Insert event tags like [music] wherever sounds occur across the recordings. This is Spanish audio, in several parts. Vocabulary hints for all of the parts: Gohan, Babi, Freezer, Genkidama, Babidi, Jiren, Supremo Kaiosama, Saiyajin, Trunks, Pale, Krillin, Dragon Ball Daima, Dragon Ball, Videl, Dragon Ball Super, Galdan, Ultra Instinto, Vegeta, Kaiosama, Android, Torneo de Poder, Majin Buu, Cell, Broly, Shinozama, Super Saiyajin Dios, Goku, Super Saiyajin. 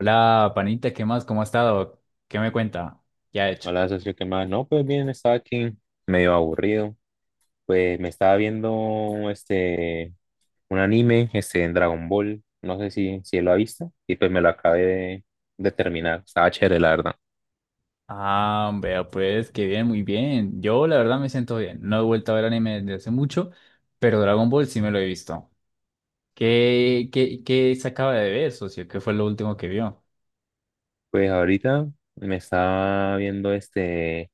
Hola, panita, ¿qué más? ¿Cómo ha estado? ¿Qué me cuenta? ¿Qué ha hecho? Hola, socio, ¿qué más? No, pues bien, estaba aquí medio aburrido. Pues me estaba viendo un anime, en Dragon Ball. No sé si lo ha visto. Y pues me lo acabé de terminar. Estaba chévere, la verdad. Ah, veo, pues, que bien, muy bien. Yo, la verdad, me siento bien. No he vuelto a ver anime desde hace mucho, pero Dragon Ball sí me lo he visto. ¿Qué se acaba de ver, socio? ¿Qué fue lo último que vio? Pues ahorita me estaba viendo este,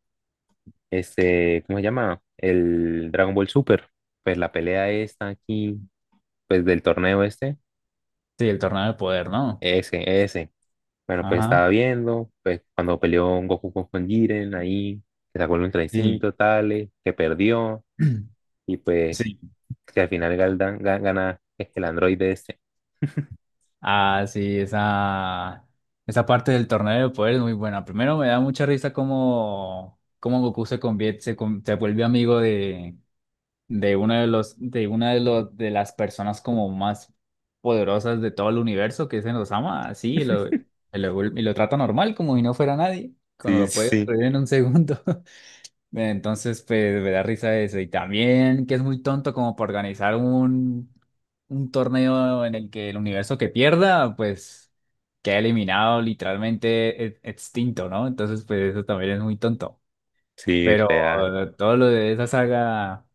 este, ¿cómo se llama? El Dragon Ball Super. Pues la pelea esta aquí, pues del torneo este. Sí, el Torneo de Poder, ¿no? Ese, ese. Bueno, pues Ajá. estaba viendo, pues cuando peleó un Goku con Jiren ahí, que sacó el Ultra Sí. Instinto, tales, que perdió, [clears throat] y pues Sí. que al final Galdan gana es el androide ese. Ah, sí, esa parte del Torneo de Poder es muy buena. Primero, me da mucha risa cómo Goku se convierte, se vuelve amigo de uno de los, de una de los, de las personas como más poderosas de todo el universo, que se nos ama así, y lo trata normal, como si no fuera nadie, cuando Sí, lo puede sí, destruir en un segundo. [laughs] Entonces, pues, me da risa eso. Y también que es muy tonto como para organizar un torneo en el que el universo que pierda, pues, queda eliminado, literalmente extinto, ¿no? Entonces, pues, eso también es muy tonto. sí, Pero real. todo lo de esa saga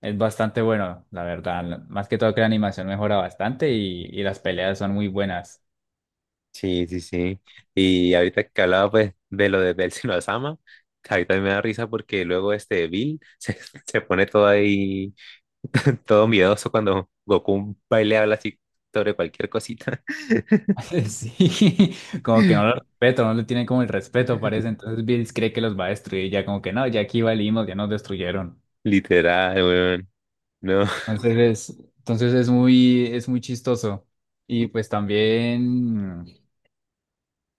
es bastante bueno, la verdad. Más que todo que la animación mejora bastante y las peleas son muy buenas. Sí, sí, sí. Y ahorita que hablaba pues de lo de, del [laughs] Shinozama, ahorita me da risa porque luego este Bill [laughs] se pone todo ahí, [laughs] todo miedoso cuando Goku va y le habla así sobre cualquier cosita. [laughs] Sí, como que no lo respeto, no le tienen como el respeto, parece. [laughs] Entonces Bills cree que los va a destruir, ya como que no, ya aquí valimos, ya nos destruyeron. Literal, weón. No. Es muy chistoso. Y pues también,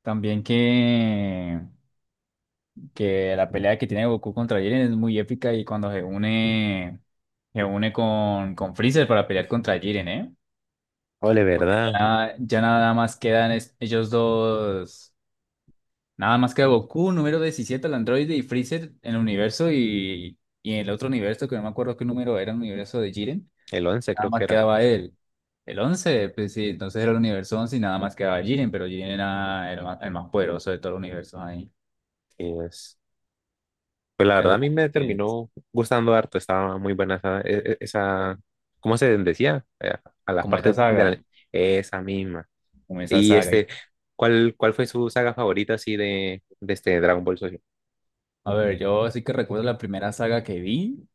también que, que la pelea que tiene Goku contra Jiren es muy épica y cuando se une con Freezer para pelear contra Jiren, ¿eh? Ole, Porque ¿verdad? ya nada más quedan ellos dos. Nada más queda Goku, número 17 el androide, y Freezer en el universo y en el otro universo, que no me acuerdo qué número era, el universo de Jiren. El 11 Nada creo que más era. quedaba él. El 11 pues sí, entonces era el universo 11 y nada más quedaba Jiren, pero Jiren era el más poderoso de todo el universo ahí. Y es- Pues la verdad Eso a mí me también. terminó gustando harto, estaba muy buena esa, ¿cómo se decía? A las Como esa partes de saga, la... Esa misma. como esa Y saga. ¿Cuál fue su saga favorita así de este Dragon Ball Social? A ver, yo sí que recuerdo la primera saga que vi,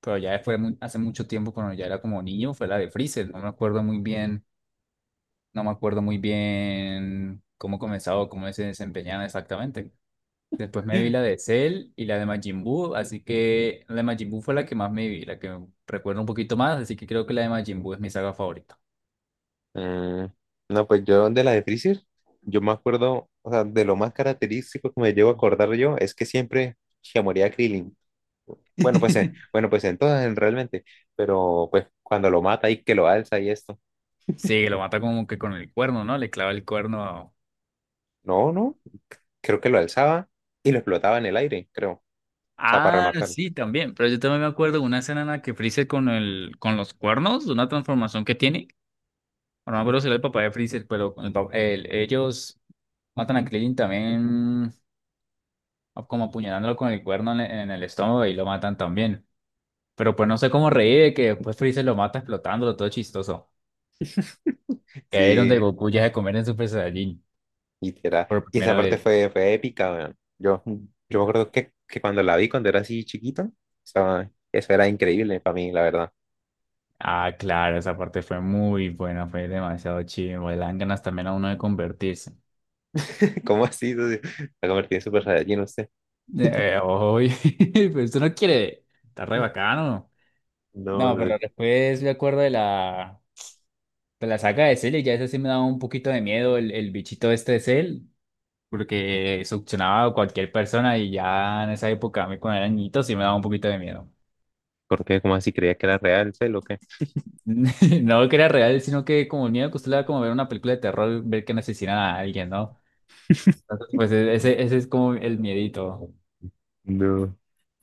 pero ya fue hace mucho tiempo cuando ya era como niño, fue la de Freezer. No me acuerdo muy bien No me acuerdo muy bien cómo comenzaba o cómo se desempeñaba exactamente. Después me vi la [gasps] de Cell y la de Majin Buu, así que la de Majin Buu fue la que más me vi, la que recuerdo un poquito más, así que creo que la de Majin Buu es mi saga favorita. Mm, no, pues yo de la de Freezer, yo me acuerdo, o sea, de lo más característico que me llevo a acordar yo es que siempre se moría Krillin. [laughs] Bueno, pues entonces realmente, pero pues cuando lo mata y que lo alza y esto. Sí, lo mata como que con el cuerno, ¿no? Le clava el cuerno. No, no, creo que lo alzaba y lo explotaba en el aire, creo. O sea, para Ah, rematar. sí, también. Pero yo también me acuerdo de una escena en la que Freezer con los cuernos, de una transformación que tiene. Bueno, no me acuerdo si era el papá de Freezer, pero con el, pa- el- ellos matan a Krillin también o como apuñalándolo con el cuerno en el estómago y lo matan también. Pero pues no sé cómo reír de que después Freezer lo mata explotándolo, todo chistoso. Que ahí es donde Sí, Goku ya se convierte en Super Saiyajin literal. por Y esa primera parte vez. Fue épica, weón. Yo Sí. me acuerdo que cuando la vi cuando era así chiquito, eso era increíble para mí, la verdad. Ah, claro, esa parte fue muy buena, fue demasiado chido. Le dan ganas también a uno de convertirse. [laughs] ¿Cómo así, socio? La convertí en Super Saiyajin, usted. Oy, [laughs] pero esto no quiere, está re bacano. No, No, no pero sé. después me acuerdo de la saga de Cell y ya ese sí me daba un poquito de miedo el bichito este de Cell. Porque succionaba a cualquier persona y ya en esa época, a mí cuando era niñito, sí me daba un poquito de miedo. ¿Por qué? ¿Cómo así? ¿Creía que era real, sé lo que? [laughs] No que era real, sino que como el miedo que usted le da como ver una película de terror, ver que asesinan a alguien, ¿no? Entonces, pues ese es como el miedito. No.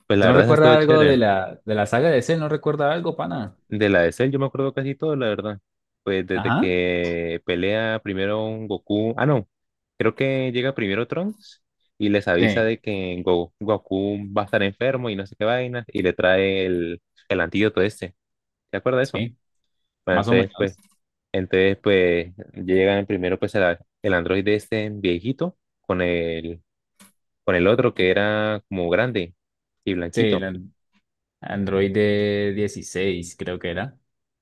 Pues la ¿Tú no verdad, eso estuvo recuerdas algo de chévere. la saga de ese? ¿No recuerda algo, pana? De la de Cell, yo me acuerdo casi todo, la verdad. Pues desde Ajá. que pelea primero un Goku. Ah, no. Creo que llega primero Trunks y les avisa Sí, de que Goku va a estar enfermo y no sé qué vainas. Y le trae el antídoto este. ¿Te acuerdas de eso? sí, Bueno, más o menos. entonces, pues, llegan primero pues el androide este viejito con con el otro que era como grande y Sí, blanquito. Android de 16 creo que era.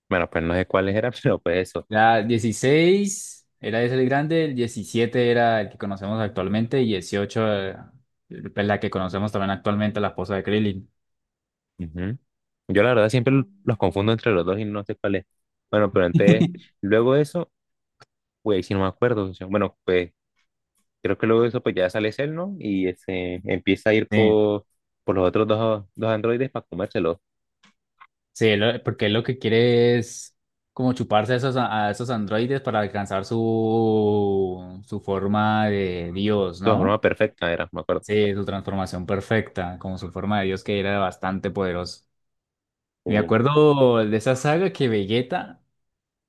Bueno, pues no sé cuáles eran, [laughs] pero pues eso. Era 16 era ese el grande, el 17 era el que conocemos actualmente y 18 es la que conocemos también actualmente, la esposa de Krillin. Ujú. Yo la verdad siempre los confundo entre los dos y no sé cuál es. Bueno, pero antes, [laughs] luego de eso, pues si no me acuerdo. O sea, bueno, pues creo que luego de eso pues ya sale Cell, ¿no? Y ese empieza a ir Sí, por los otros dos androides para comérselos. sí, porque él lo que quiere es como chuparse a esos, androides para alcanzar su forma de Su Dios, forma ¿no? perfecta era, me acuerdo. Sí, su transformación perfecta, como su forma de Dios que era bastante poderoso. Me Sí. acuerdo de esa saga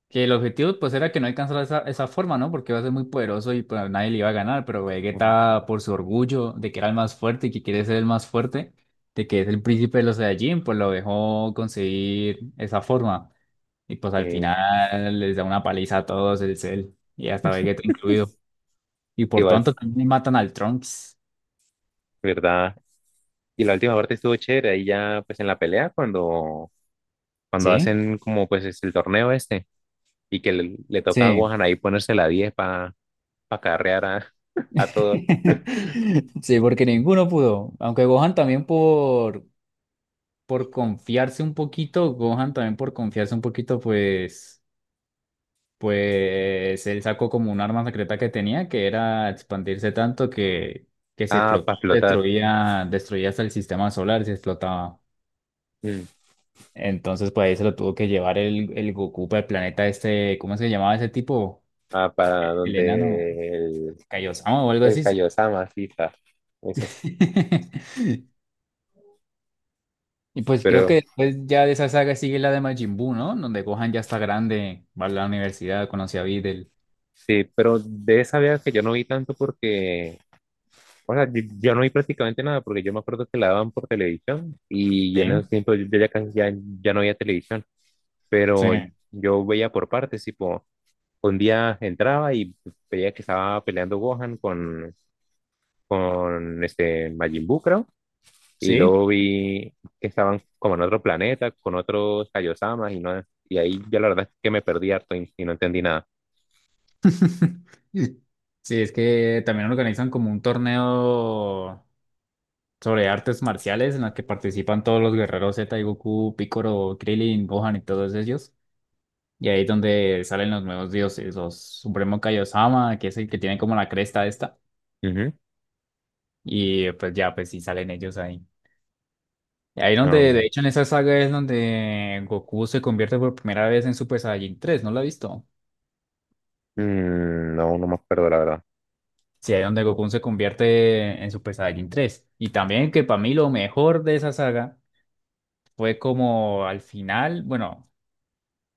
que el objetivo pues era que no alcanzara esa forma, ¿no? Porque iba a ser muy poderoso y pues nadie le iba a ganar, pero Ujú. Vegeta por su orgullo de que era el más fuerte y que quiere ser el más fuerte, de que es el príncipe de los Saiyajin, pues lo dejó conseguir esa forma. Y pues al Eh, final les da una paliza a todos, el Cell y hasta Vegeta incluido. Y por igual, tanto también matan al Trunks. ¿verdad? Y la última parte estuvo chévere, ahí ya pues en la pelea cuando ¿Sí? hacen como pues es el torneo este y que le toca a Sí. Gohan ahí ponerse la 10 para carrear a, [laughs] a todo. [laughs] Sí, porque ninguno pudo. Aunque Gohan también por confiarse un poquito, pues él sacó como un arma secreta que tenía, que era expandirse tanto que se Ah, explotó, para flotar. destruía hasta el sistema solar, se explotaba. Mm. Entonces, pues ahí se lo tuvo que llevar el Goku para el planeta este, ¿cómo se llamaba ese tipo? Ah, para El enano, donde Kaiosama o algo el así. Kaiosama, sí, está. Ese. [laughs] Y pues creo que Pero después ya de esa saga sigue la de Majin Buu, ¿no? Donde Gohan ya está grande, va a la universidad, conoce a Videl. sí, pero de esa vez que yo no vi tanto porque, o sea, yo no vi prácticamente nada porque yo me acuerdo que la daban por televisión y en ¿Sí? esos tiempos yo ya casi ya, ya no veía televisión, Sí, pero yo veía por partes, tipo, un día entraba y veía que estaba peleando Gohan con este Majin Buu, creo. Y sí. luego vi que estaban como en otro planeta, con otros Kaiosamas, y, no, y ahí yo la verdad es que me perdí harto y no entendí nada. [laughs] Sí, es que también organizan como un torneo sobre artes marciales en la que participan todos los guerreros Z y Goku, Piccolo, Krillin, Gohan y todos ellos. Y ahí es donde salen los nuevos dioses, los Supremo Kaiosama, que es el que tiene como la cresta esta. Ujú. Y pues ya, pues sí salen ellos ahí. Y ahí donde, de No, hecho, en esa saga es donde Goku se convierte por primera vez en Super Saiyajin 3. ¿No lo ha visto? No me acuerdo la verdad. Sí, ahí es donde Goku se convierte en Super Saiyajin 3. Y también que para mí lo mejor de esa saga fue como al final, bueno,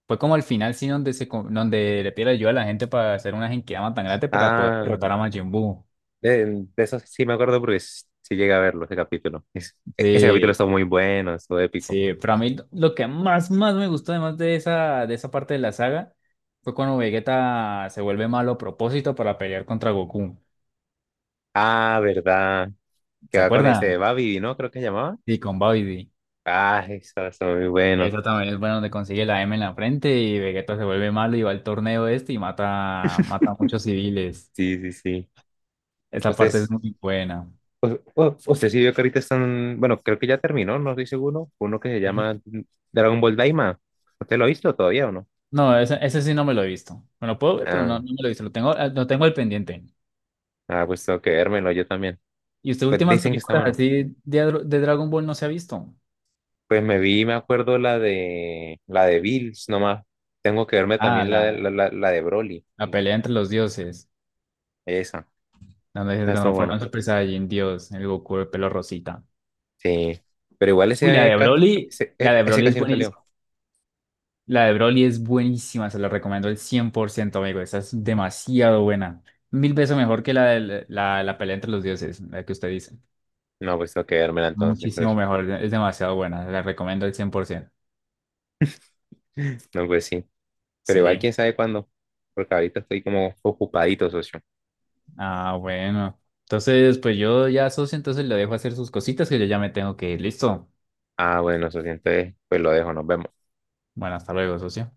fue como al final sí donde donde le pide ayuda a la gente para hacer una Genkidama tan grande para poder Ah, derrotar a Majin Buu. de, de eso sí me acuerdo porque sí llegué a verlo, ese capítulo. Ese capítulo Sí, está muy bueno, estuvo épico. sí, para mí lo que más me gustó además de esa parte de la saga fue cuando Vegeta se vuelve malo a propósito para pelear contra Goku. Ah, verdad, que ¿Se va con ese acuerdan? Babi, ¿no? Creo que se llamaba. Sí, con Babidi. Ah, eso está muy bueno. Eso también es bueno donde consigue la M en la frente y Vegeta se vuelve malo y va al torneo este y mata a muchos civiles. Sí, sí, sí. Esa parte es Entonces, muy buena. Usted sí vio que ahorita están, bueno, creo que ya terminó, no estoy seguro, uno que se llama Dragon Ball Daima. ¿Usted lo ha visto todavía o no? No, ese sí no me lo he visto. Me lo puedo ver, pero Ah, no me lo he visto. Lo tengo al pendiente. ah, pues tengo que vérmelo yo también. ¿Y usted Pues últimas dicen que está películas bueno. así de Dragon Ball no se ha visto? Pues me vi, me acuerdo la de Bills nomás. Tengo que verme Ah, también la de, la, la, la- la de Broly. la pelea entre los dioses, Esa, donde se esa estuvo transforma buena. en Super Saiyajin Dios, el Goku de pelo rosita. Sí, pero igual Uy, la de Broly, la de ese Broly es casi no salió. buenísima. La de Broly es buenísima, se la recomiendo el 100%, amigo. Esa es demasiado buena. Mil veces mejor que la de la pelea entre los dioses, la que usted dice. No, pues tengo que vérmela entonces, Muchísimo socio. mejor, es demasiado buena, la recomiendo el 100%. [laughs] No, pues sí. Pero igual Sí, quién sabe cuándo, porque ahorita estoy como ocupadito, socio. ah, bueno. Entonces, pues yo ya, socio, entonces le dejo hacer sus cositas que yo ya me tengo que ir. Listo. Ah, bueno, eso sí, entonces, pues lo dejo, nos vemos. Bueno, hasta luego, socio.